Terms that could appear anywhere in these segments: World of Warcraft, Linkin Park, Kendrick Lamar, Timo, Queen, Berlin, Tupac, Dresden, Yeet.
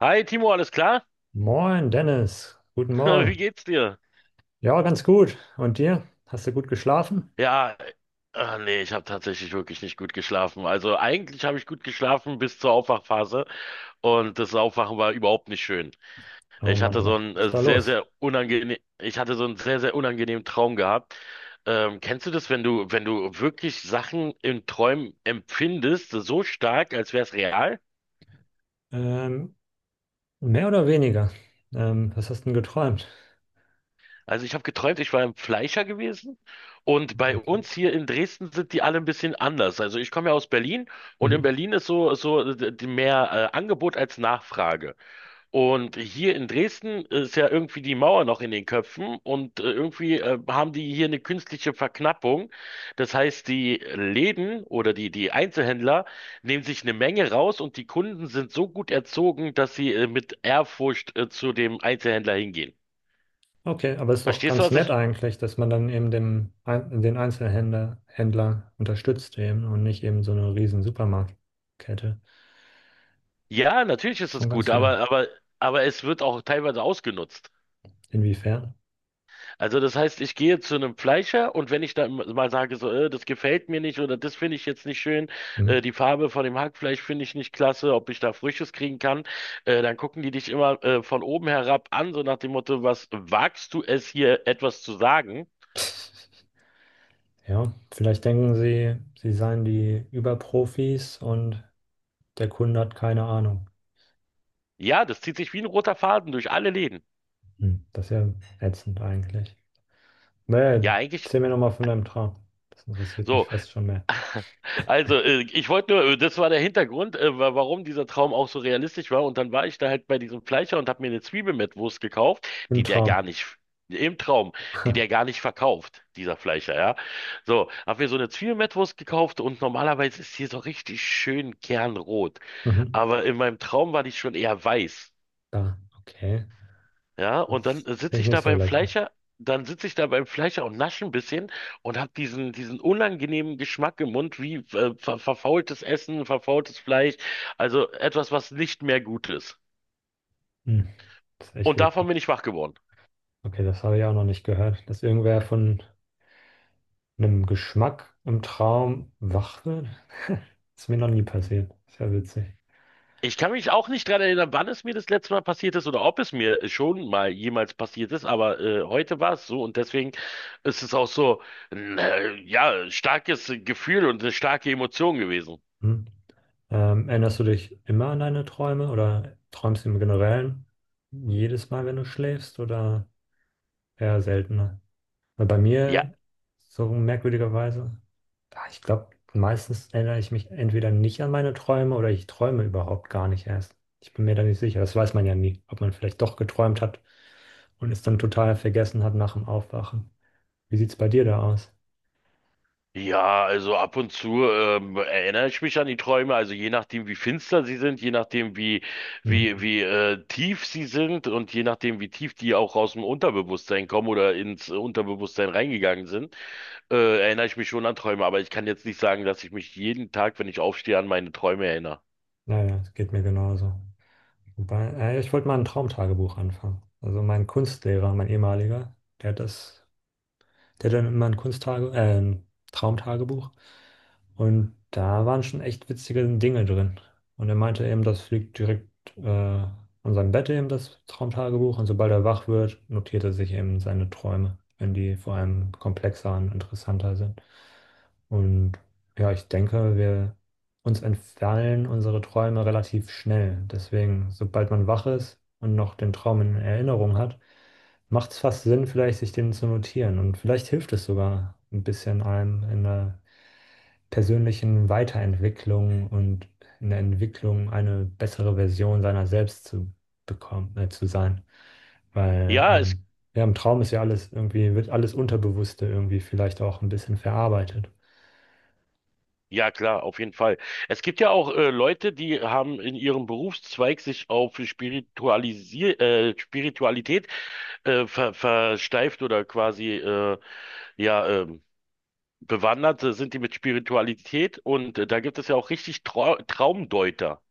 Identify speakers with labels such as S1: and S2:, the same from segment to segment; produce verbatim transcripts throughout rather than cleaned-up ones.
S1: Hi Timo, alles klar?
S2: Moin, Dennis. Guten
S1: Wie
S2: Morgen.
S1: geht's dir?
S2: Ja, ganz gut. Und dir? Hast du gut geschlafen?
S1: Ja, ah, nee, ich habe tatsächlich wirklich nicht gut geschlafen. Also eigentlich habe ich gut geschlafen bis zur Aufwachphase und das Aufwachen war überhaupt nicht schön.
S2: Oh
S1: Ich
S2: Mann, oh
S1: hatte so
S2: Mann,
S1: einen
S2: was ist
S1: äh,
S2: da
S1: sehr,
S2: los?
S1: sehr unangenehm, ich hatte so einen sehr, sehr unangenehmen Traum gehabt. Ähm, kennst du das, wenn du, wenn du wirklich Sachen in Träumen empfindest, so stark, als wäre es real?
S2: Ähm, mehr oder weniger? Ähm, was hast du denn geträumt?
S1: Also ich habe geträumt, ich war im Fleischer gewesen, und bei
S2: Okay.
S1: uns hier in Dresden sind die alle ein bisschen anders. Also ich komme ja aus Berlin, und in
S2: Mhm.
S1: Berlin ist so so d- d- mehr äh, Angebot als Nachfrage. Und hier in Dresden ist ja irgendwie die Mauer noch in den Köpfen und äh, irgendwie äh, haben die hier eine künstliche Verknappung. Das heißt, die Läden oder die die Einzelhändler nehmen sich eine Menge raus, und die Kunden sind so gut erzogen, dass sie äh, mit Ehrfurcht äh, zu dem Einzelhändler hingehen.
S2: Okay, aber ist doch
S1: Verstehst du,
S2: ganz
S1: was
S2: nett
S1: ich…
S2: eigentlich, dass man dann eben dem, Ein- den Einzelhändler Händler unterstützt eben und nicht eben so eine riesen Supermarktkette.
S1: Ja, natürlich
S2: Ist
S1: ist es
S2: schon
S1: gut,
S2: ganz nett.
S1: aber, aber, aber es wird auch teilweise ausgenutzt.
S2: Inwiefern?
S1: Also das heißt, ich gehe zu einem Fleischer, und wenn ich da mal sage, so, äh, das gefällt mir nicht oder das finde ich jetzt nicht schön,
S2: Mhm.
S1: äh, die Farbe von dem Hackfleisch finde ich nicht klasse, ob ich da Frisches kriegen kann, äh, dann gucken die dich immer äh, von oben herab an, so nach dem Motto, was wagst du es hier etwas zu sagen?
S2: Ja, vielleicht denken sie, sie seien die Überprofis und der Kunde hat keine Ahnung.
S1: Ja, das zieht sich wie ein roter Faden durch alle Läden.
S2: Hm, das ist ja ätzend eigentlich. Naja,
S1: Ja, eigentlich
S2: erzähl mir nochmal von deinem Traum. Das interessiert mich
S1: so.
S2: fast schon mehr.
S1: Also, äh, ich wollte nur, äh, das war der Hintergrund, äh, wa- warum dieser Traum auch so realistisch war. Und dann war ich da halt bei diesem Fleischer und habe mir eine Zwiebel mit Wurst gekauft,
S2: Im
S1: die der
S2: Traum.
S1: gar nicht, im Traum, die der gar nicht verkauft, dieser Fleischer, ja. So, habe mir so eine Zwiebel mit Wurst gekauft, und normalerweise ist die so richtig schön kernrot.
S2: Mhm.
S1: Aber in meinem Traum war die schon eher weiß.
S2: Da, okay.
S1: Ja, und dann
S2: Das
S1: sitze
S2: klingt
S1: ich da
S2: nicht so
S1: beim
S2: lecker.
S1: Fleischer, dann sitze ich da beim Fleischer und nasche ein bisschen und habe diesen, diesen unangenehmen Geschmack im Mund, wie äh, ver verfaultes Essen, verfaultes Fleisch, also etwas, was nicht mehr gut ist.
S2: Hm. Das ist echt
S1: Und davon
S2: eklig.
S1: bin ich wach geworden.
S2: Okay, das habe ich auch noch nicht gehört, dass irgendwer von einem Geschmack im Traum wach wird. Ist mir noch nie passiert. Ist ja witzig.
S1: Ich kann mich auch nicht dran erinnern, wann es mir das letzte Mal passiert ist oder ob es mir schon mal jemals passiert ist, aber äh, heute war es so, und deswegen ist es auch so ein äh, ja, starkes Gefühl und eine starke Emotion gewesen.
S2: Hm. Ähm, erinnerst du dich immer an deine Träume oder träumst du im Generellen jedes Mal, wenn du schläfst oder eher seltener? Weil bei
S1: Ja.
S2: mir, so merkwürdigerweise, ah, ich glaube, meistens erinnere ich mich entweder nicht an meine Träume oder ich träume überhaupt gar nicht erst. Ich bin mir da nicht sicher. Das weiß man ja nie, ob man vielleicht doch geträumt hat und es dann total vergessen hat nach dem Aufwachen. Wie sieht es bei dir da aus?
S1: Ja, also ab und zu ähm, erinnere ich mich an die Träume, also je nachdem, wie finster sie sind, je nachdem, wie,
S2: Mhm.
S1: wie, wie äh, tief sie sind, und je nachdem, wie tief die auch aus dem Unterbewusstsein kommen oder ins äh, Unterbewusstsein reingegangen sind, äh, erinnere ich mich schon an Träume, aber ich kann jetzt nicht sagen, dass ich mich jeden Tag, wenn ich aufstehe, an meine Träume erinnere.
S2: Naja, es geht mir genauso. Wobei, äh, ich wollte mal ein Traumtagebuch anfangen. Also mein Kunstlehrer, mein ehemaliger, der hat das Der hat dann immer ein Kunsttage, äh, ein Traumtagebuch. Und da waren schon echt witzige Dinge drin. Und er meinte eben, das liegt direkt äh, an seinem Bett eben, das Traumtagebuch. Und sobald er wach wird, notiert er sich eben seine Träume, wenn die vor allem komplexer und interessanter sind. Und ja, ich denke, wir uns entfallen unsere Träume relativ schnell. Deswegen, sobald man wach ist und noch den Traum in Erinnerung hat, macht es fast Sinn, vielleicht sich den zu notieren. Und vielleicht hilft es sogar ein bisschen einem in der persönlichen Weiterentwicklung und in der Entwicklung eine bessere Version seiner selbst zu bekommen, äh, zu sein. Weil
S1: Ja, es,
S2: ähm, ja, im Traum ist ja alles irgendwie, wird alles Unterbewusste irgendwie vielleicht auch ein bisschen verarbeitet.
S1: ja klar, auf jeden Fall. Es gibt ja auch äh, Leute, die haben in ihrem Berufszweig sich auf Spiritualisier, äh, Spiritualität äh, ver, versteift oder quasi äh, ja ähm, bewandert äh, sind die mit Spiritualität, und äh, da gibt es ja auch richtig Trau Traumdeuter.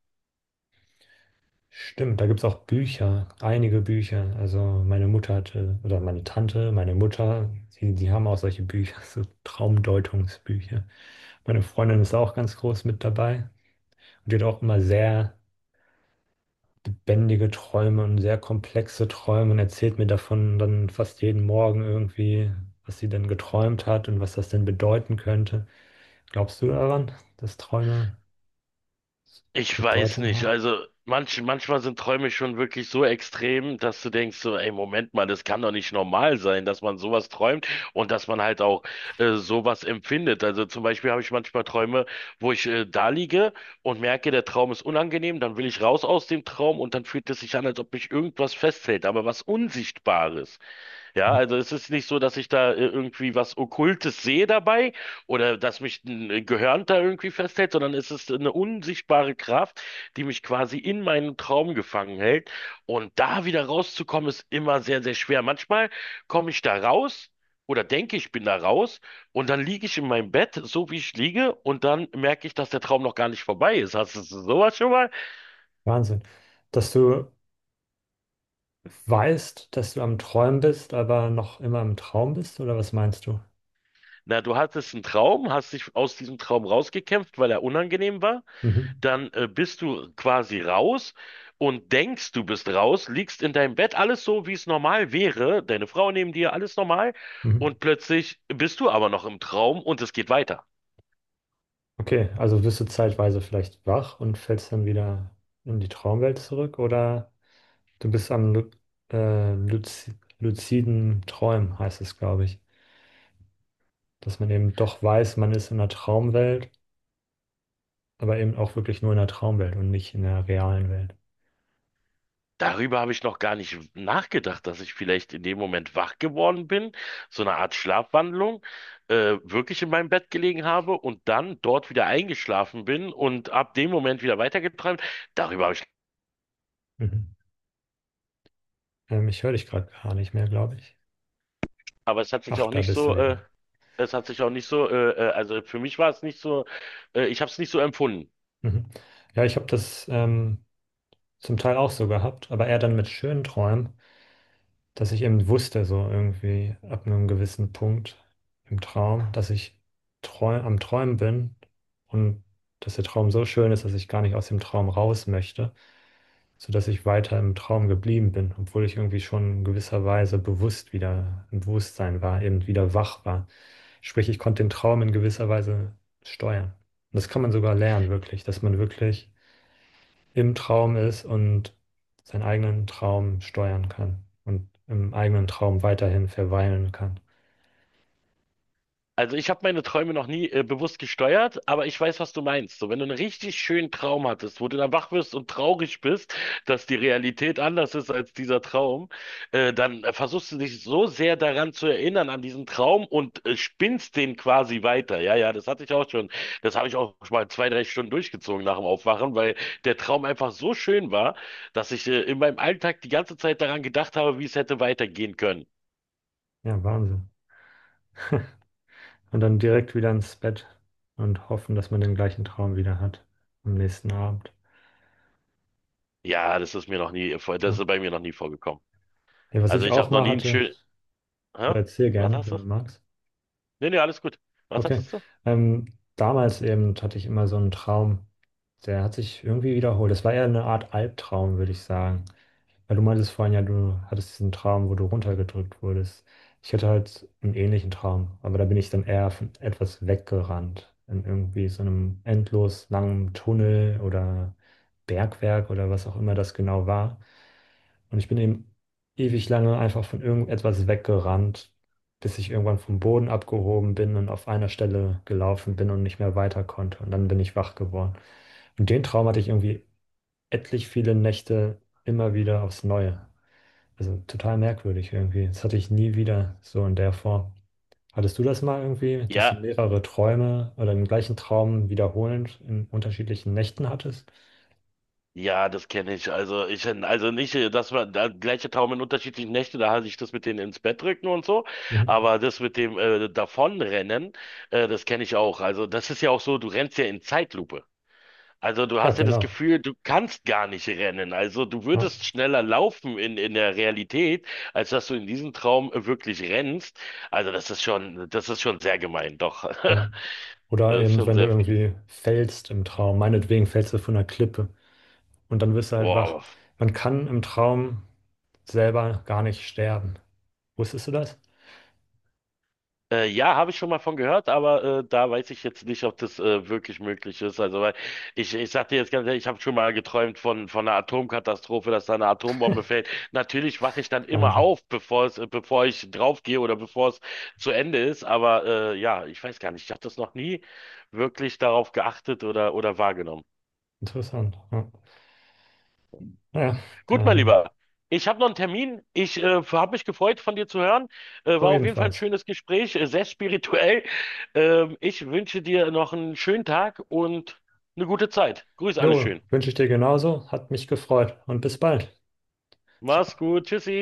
S2: Stimmt, da gibt es auch Bücher, einige Bücher. Also meine Mutter hatte, oder meine Tante, meine Mutter, die, die haben auch solche Bücher, so Traumdeutungsbücher. Meine Freundin ist auch ganz groß mit dabei und die hat auch immer sehr lebendige Träume und sehr komplexe Träume und erzählt mir davon dann fast jeden Morgen irgendwie, was sie denn geträumt hat und was das denn bedeuten könnte. Glaubst du daran, dass Träume
S1: Ich weiß
S2: Bedeutung
S1: nicht.
S2: haben?
S1: Also manch, manchmal sind Träume schon wirklich so extrem, dass du denkst so, ey, Moment mal, das kann doch nicht normal sein, dass man sowas träumt und dass man halt auch äh, sowas empfindet. Also zum Beispiel habe ich manchmal Träume, wo ich äh, da liege und merke, der Traum ist unangenehm, dann will ich raus aus dem Traum, und dann fühlt es sich an, als ob mich irgendwas festhält, aber was Unsichtbares. Ja, also es ist nicht so, dass ich da äh, irgendwie was Okkultes sehe dabei oder dass mich ein äh, Gehirn da irgendwie festhält, sondern es ist eine unsichtbare Kraft, die mich quasi in meinen Traum gefangen hält. Und da wieder rauszukommen, ist immer sehr, sehr schwer. Manchmal komme ich da raus oder denke, ich bin da raus, und dann liege ich in meinem Bett, so wie ich liege, und dann merke ich, dass der Traum noch gar nicht vorbei ist. Hast du sowas schon mal?
S2: Wahnsinn. Dass du weißt, dass du am Träumen bist, aber noch immer im Traum bist, oder was meinst du?
S1: Na, du hattest einen Traum, hast dich aus diesem Traum rausgekämpft, weil er unangenehm war.
S2: Mhm.
S1: Dann äh, bist du quasi raus und denkst, du bist raus, liegst in deinem Bett, alles so, wie es normal wäre, deine Frau neben dir, alles normal,
S2: Mhm.
S1: und plötzlich bist du aber noch im Traum, und es geht weiter.
S2: Okay, also wirst du zeitweise vielleicht wach und fällst dann wieder in die Traumwelt zurück, oder du bist am lu äh, luzi- luziden Träumen, heißt es, glaube ich. Dass man eben doch weiß, man ist in der Traumwelt, aber eben auch wirklich nur in der Traumwelt und nicht in der realen Welt.
S1: Darüber habe ich noch gar nicht nachgedacht, dass ich vielleicht in dem Moment wach geworden bin, so eine Art Schlafwandlung, äh, wirklich in meinem Bett gelegen habe und dann dort wieder eingeschlafen bin und ab dem Moment wieder weitergeträumt. Darüber habe ich…
S2: Mhm. Ähm, ich höre dich gerade gar nicht mehr, glaube ich.
S1: Aber es hat sich
S2: Ach,
S1: auch
S2: da
S1: nicht
S2: bist du
S1: so, äh,
S2: wieder.
S1: es hat sich auch nicht so, äh, äh, also für mich war es nicht so, äh, ich habe es nicht so empfunden.
S2: Mhm. Ja, ich habe das ähm, zum Teil auch so gehabt, aber eher dann mit schönen Träumen, dass ich eben wusste, so irgendwie ab einem gewissen Punkt im Traum, dass ich träu am Träumen bin und dass der Traum so schön ist, dass ich gar nicht aus dem Traum raus möchte, sodass ich weiter im Traum geblieben bin, obwohl ich irgendwie schon in gewisser Weise bewusst wieder im Bewusstsein war, eben wieder wach war. Sprich, ich konnte den Traum in gewisser Weise steuern. Und das kann man sogar lernen, wirklich, dass man wirklich im Traum ist und seinen eigenen Traum steuern kann und im eigenen Traum weiterhin verweilen kann.
S1: Also ich habe meine Träume noch nie äh, bewusst gesteuert, aber ich weiß, was du meinst. So, wenn du einen richtig schönen Traum hattest, wo du dann wach wirst und traurig bist, dass die Realität anders ist als dieser Traum, äh, dann äh, versuchst du dich so sehr daran zu erinnern, an diesen Traum, und äh, spinnst den quasi weiter. Ja, ja, das hatte ich auch schon. Das habe ich auch schon mal zwei, drei Stunden durchgezogen nach dem Aufwachen, weil der Traum einfach so schön war, dass ich äh, in meinem Alltag die ganze Zeit daran gedacht habe, wie es hätte weitergehen können.
S2: Ja, Wahnsinn. Und dann direkt wieder ins Bett und hoffen, dass man den gleichen Traum wieder hat am nächsten Abend.
S1: Ja, das ist mir noch nie, vor-
S2: Ja.
S1: das ist bei mir noch nie vorgekommen.
S2: Ja, was
S1: Also
S2: ich
S1: ich
S2: auch
S1: habe noch
S2: mal
S1: nie einen
S2: hatte,
S1: schönen.
S2: oder
S1: Hä?
S2: erzähl
S1: Was
S2: gerne,
S1: hast
S2: wenn
S1: du?
S2: du magst.
S1: Nee, nee, alles gut. Was
S2: Okay.
S1: hattest du?
S2: Ähm, damals eben hatte ich immer so einen Traum, der hat sich irgendwie wiederholt. Das war eher eine Art Albtraum, würde ich sagen. Weil du meintest vorhin ja, du hattest diesen Traum, wo du runtergedrückt wurdest. Ich hatte halt einen ähnlichen Traum, aber da bin ich dann eher von etwas weggerannt. In irgendwie so einem endlos langen Tunnel oder Bergwerk oder was auch immer das genau war. Und ich bin eben ewig lange einfach von irgendetwas weggerannt, bis ich irgendwann vom Boden abgehoben bin und auf einer Stelle gelaufen bin und nicht mehr weiter konnte. Und dann bin ich wach geworden. Und den Traum hatte ich irgendwie etlich viele Nächte immer wieder aufs Neue. Also total merkwürdig irgendwie. Das hatte ich nie wieder so in der Form. Hattest du das mal irgendwie, dass du
S1: Ja,
S2: mehrere Träume oder den gleichen Traum wiederholend in unterschiedlichen Nächten hattest?
S1: ja, das kenne ich. Also ich, also nicht, äh, Dass man da gleiche Traum in unterschiedlichen Nächten, da hatte ich das mit denen ins Bett drücken und so,
S2: Mhm.
S1: aber das mit dem äh, Davonrennen, äh, das kenne ich auch. Also das ist ja auch so, du rennst ja in Zeitlupe. Also du
S2: Ja,
S1: hast ja das
S2: genau.
S1: Gefühl, du kannst gar nicht rennen. Also du
S2: Ja.
S1: würdest schneller laufen in, in der Realität, als dass du in diesem Traum wirklich rennst. Also das ist schon, das ist schon sehr gemein, doch.
S2: Mhm. Oder
S1: Das ist
S2: eben,
S1: schon
S2: wenn du
S1: sehr fies.
S2: irgendwie fällst im Traum, meinetwegen fällst du von einer Klippe und dann wirst du halt
S1: Boah,
S2: wach.
S1: aber.
S2: Man kann im Traum selber gar nicht sterben. Wusstest du das?
S1: Äh, ja, habe ich schon mal von gehört, aber äh, da weiß ich jetzt nicht, ob das äh, wirklich möglich ist. Also, weil ich, ich sag dir jetzt ganz ehrlich, ich habe schon mal geträumt von, von einer Atomkatastrophe, dass da eine Atombombe fällt. Natürlich wache ich dann immer
S2: Wahnsinn.
S1: auf, bevor es, äh, bevor ich draufgehe oder bevor es zu Ende ist. Aber äh, ja, ich weiß gar nicht, ich habe das noch nie wirklich darauf geachtet oder, oder wahrgenommen.
S2: Interessant. Ja. Naja,
S1: Gut, mein
S2: ähm,
S1: Lieber. Ich habe noch einen Termin. Ich äh, habe mich gefreut, von dir zu hören. Äh,
S2: Jo,
S1: war auf jeden Fall ein
S2: ebenfalls.
S1: schönes Gespräch, äh, sehr spirituell. Ähm, ich wünsche dir noch einen schönen Tag und eine gute Zeit. Grüß alle
S2: Jo,
S1: schön.
S2: wünsche ich dir genauso. Hat mich gefreut und bis bald. Ciao.
S1: Mach's gut. Tschüssi.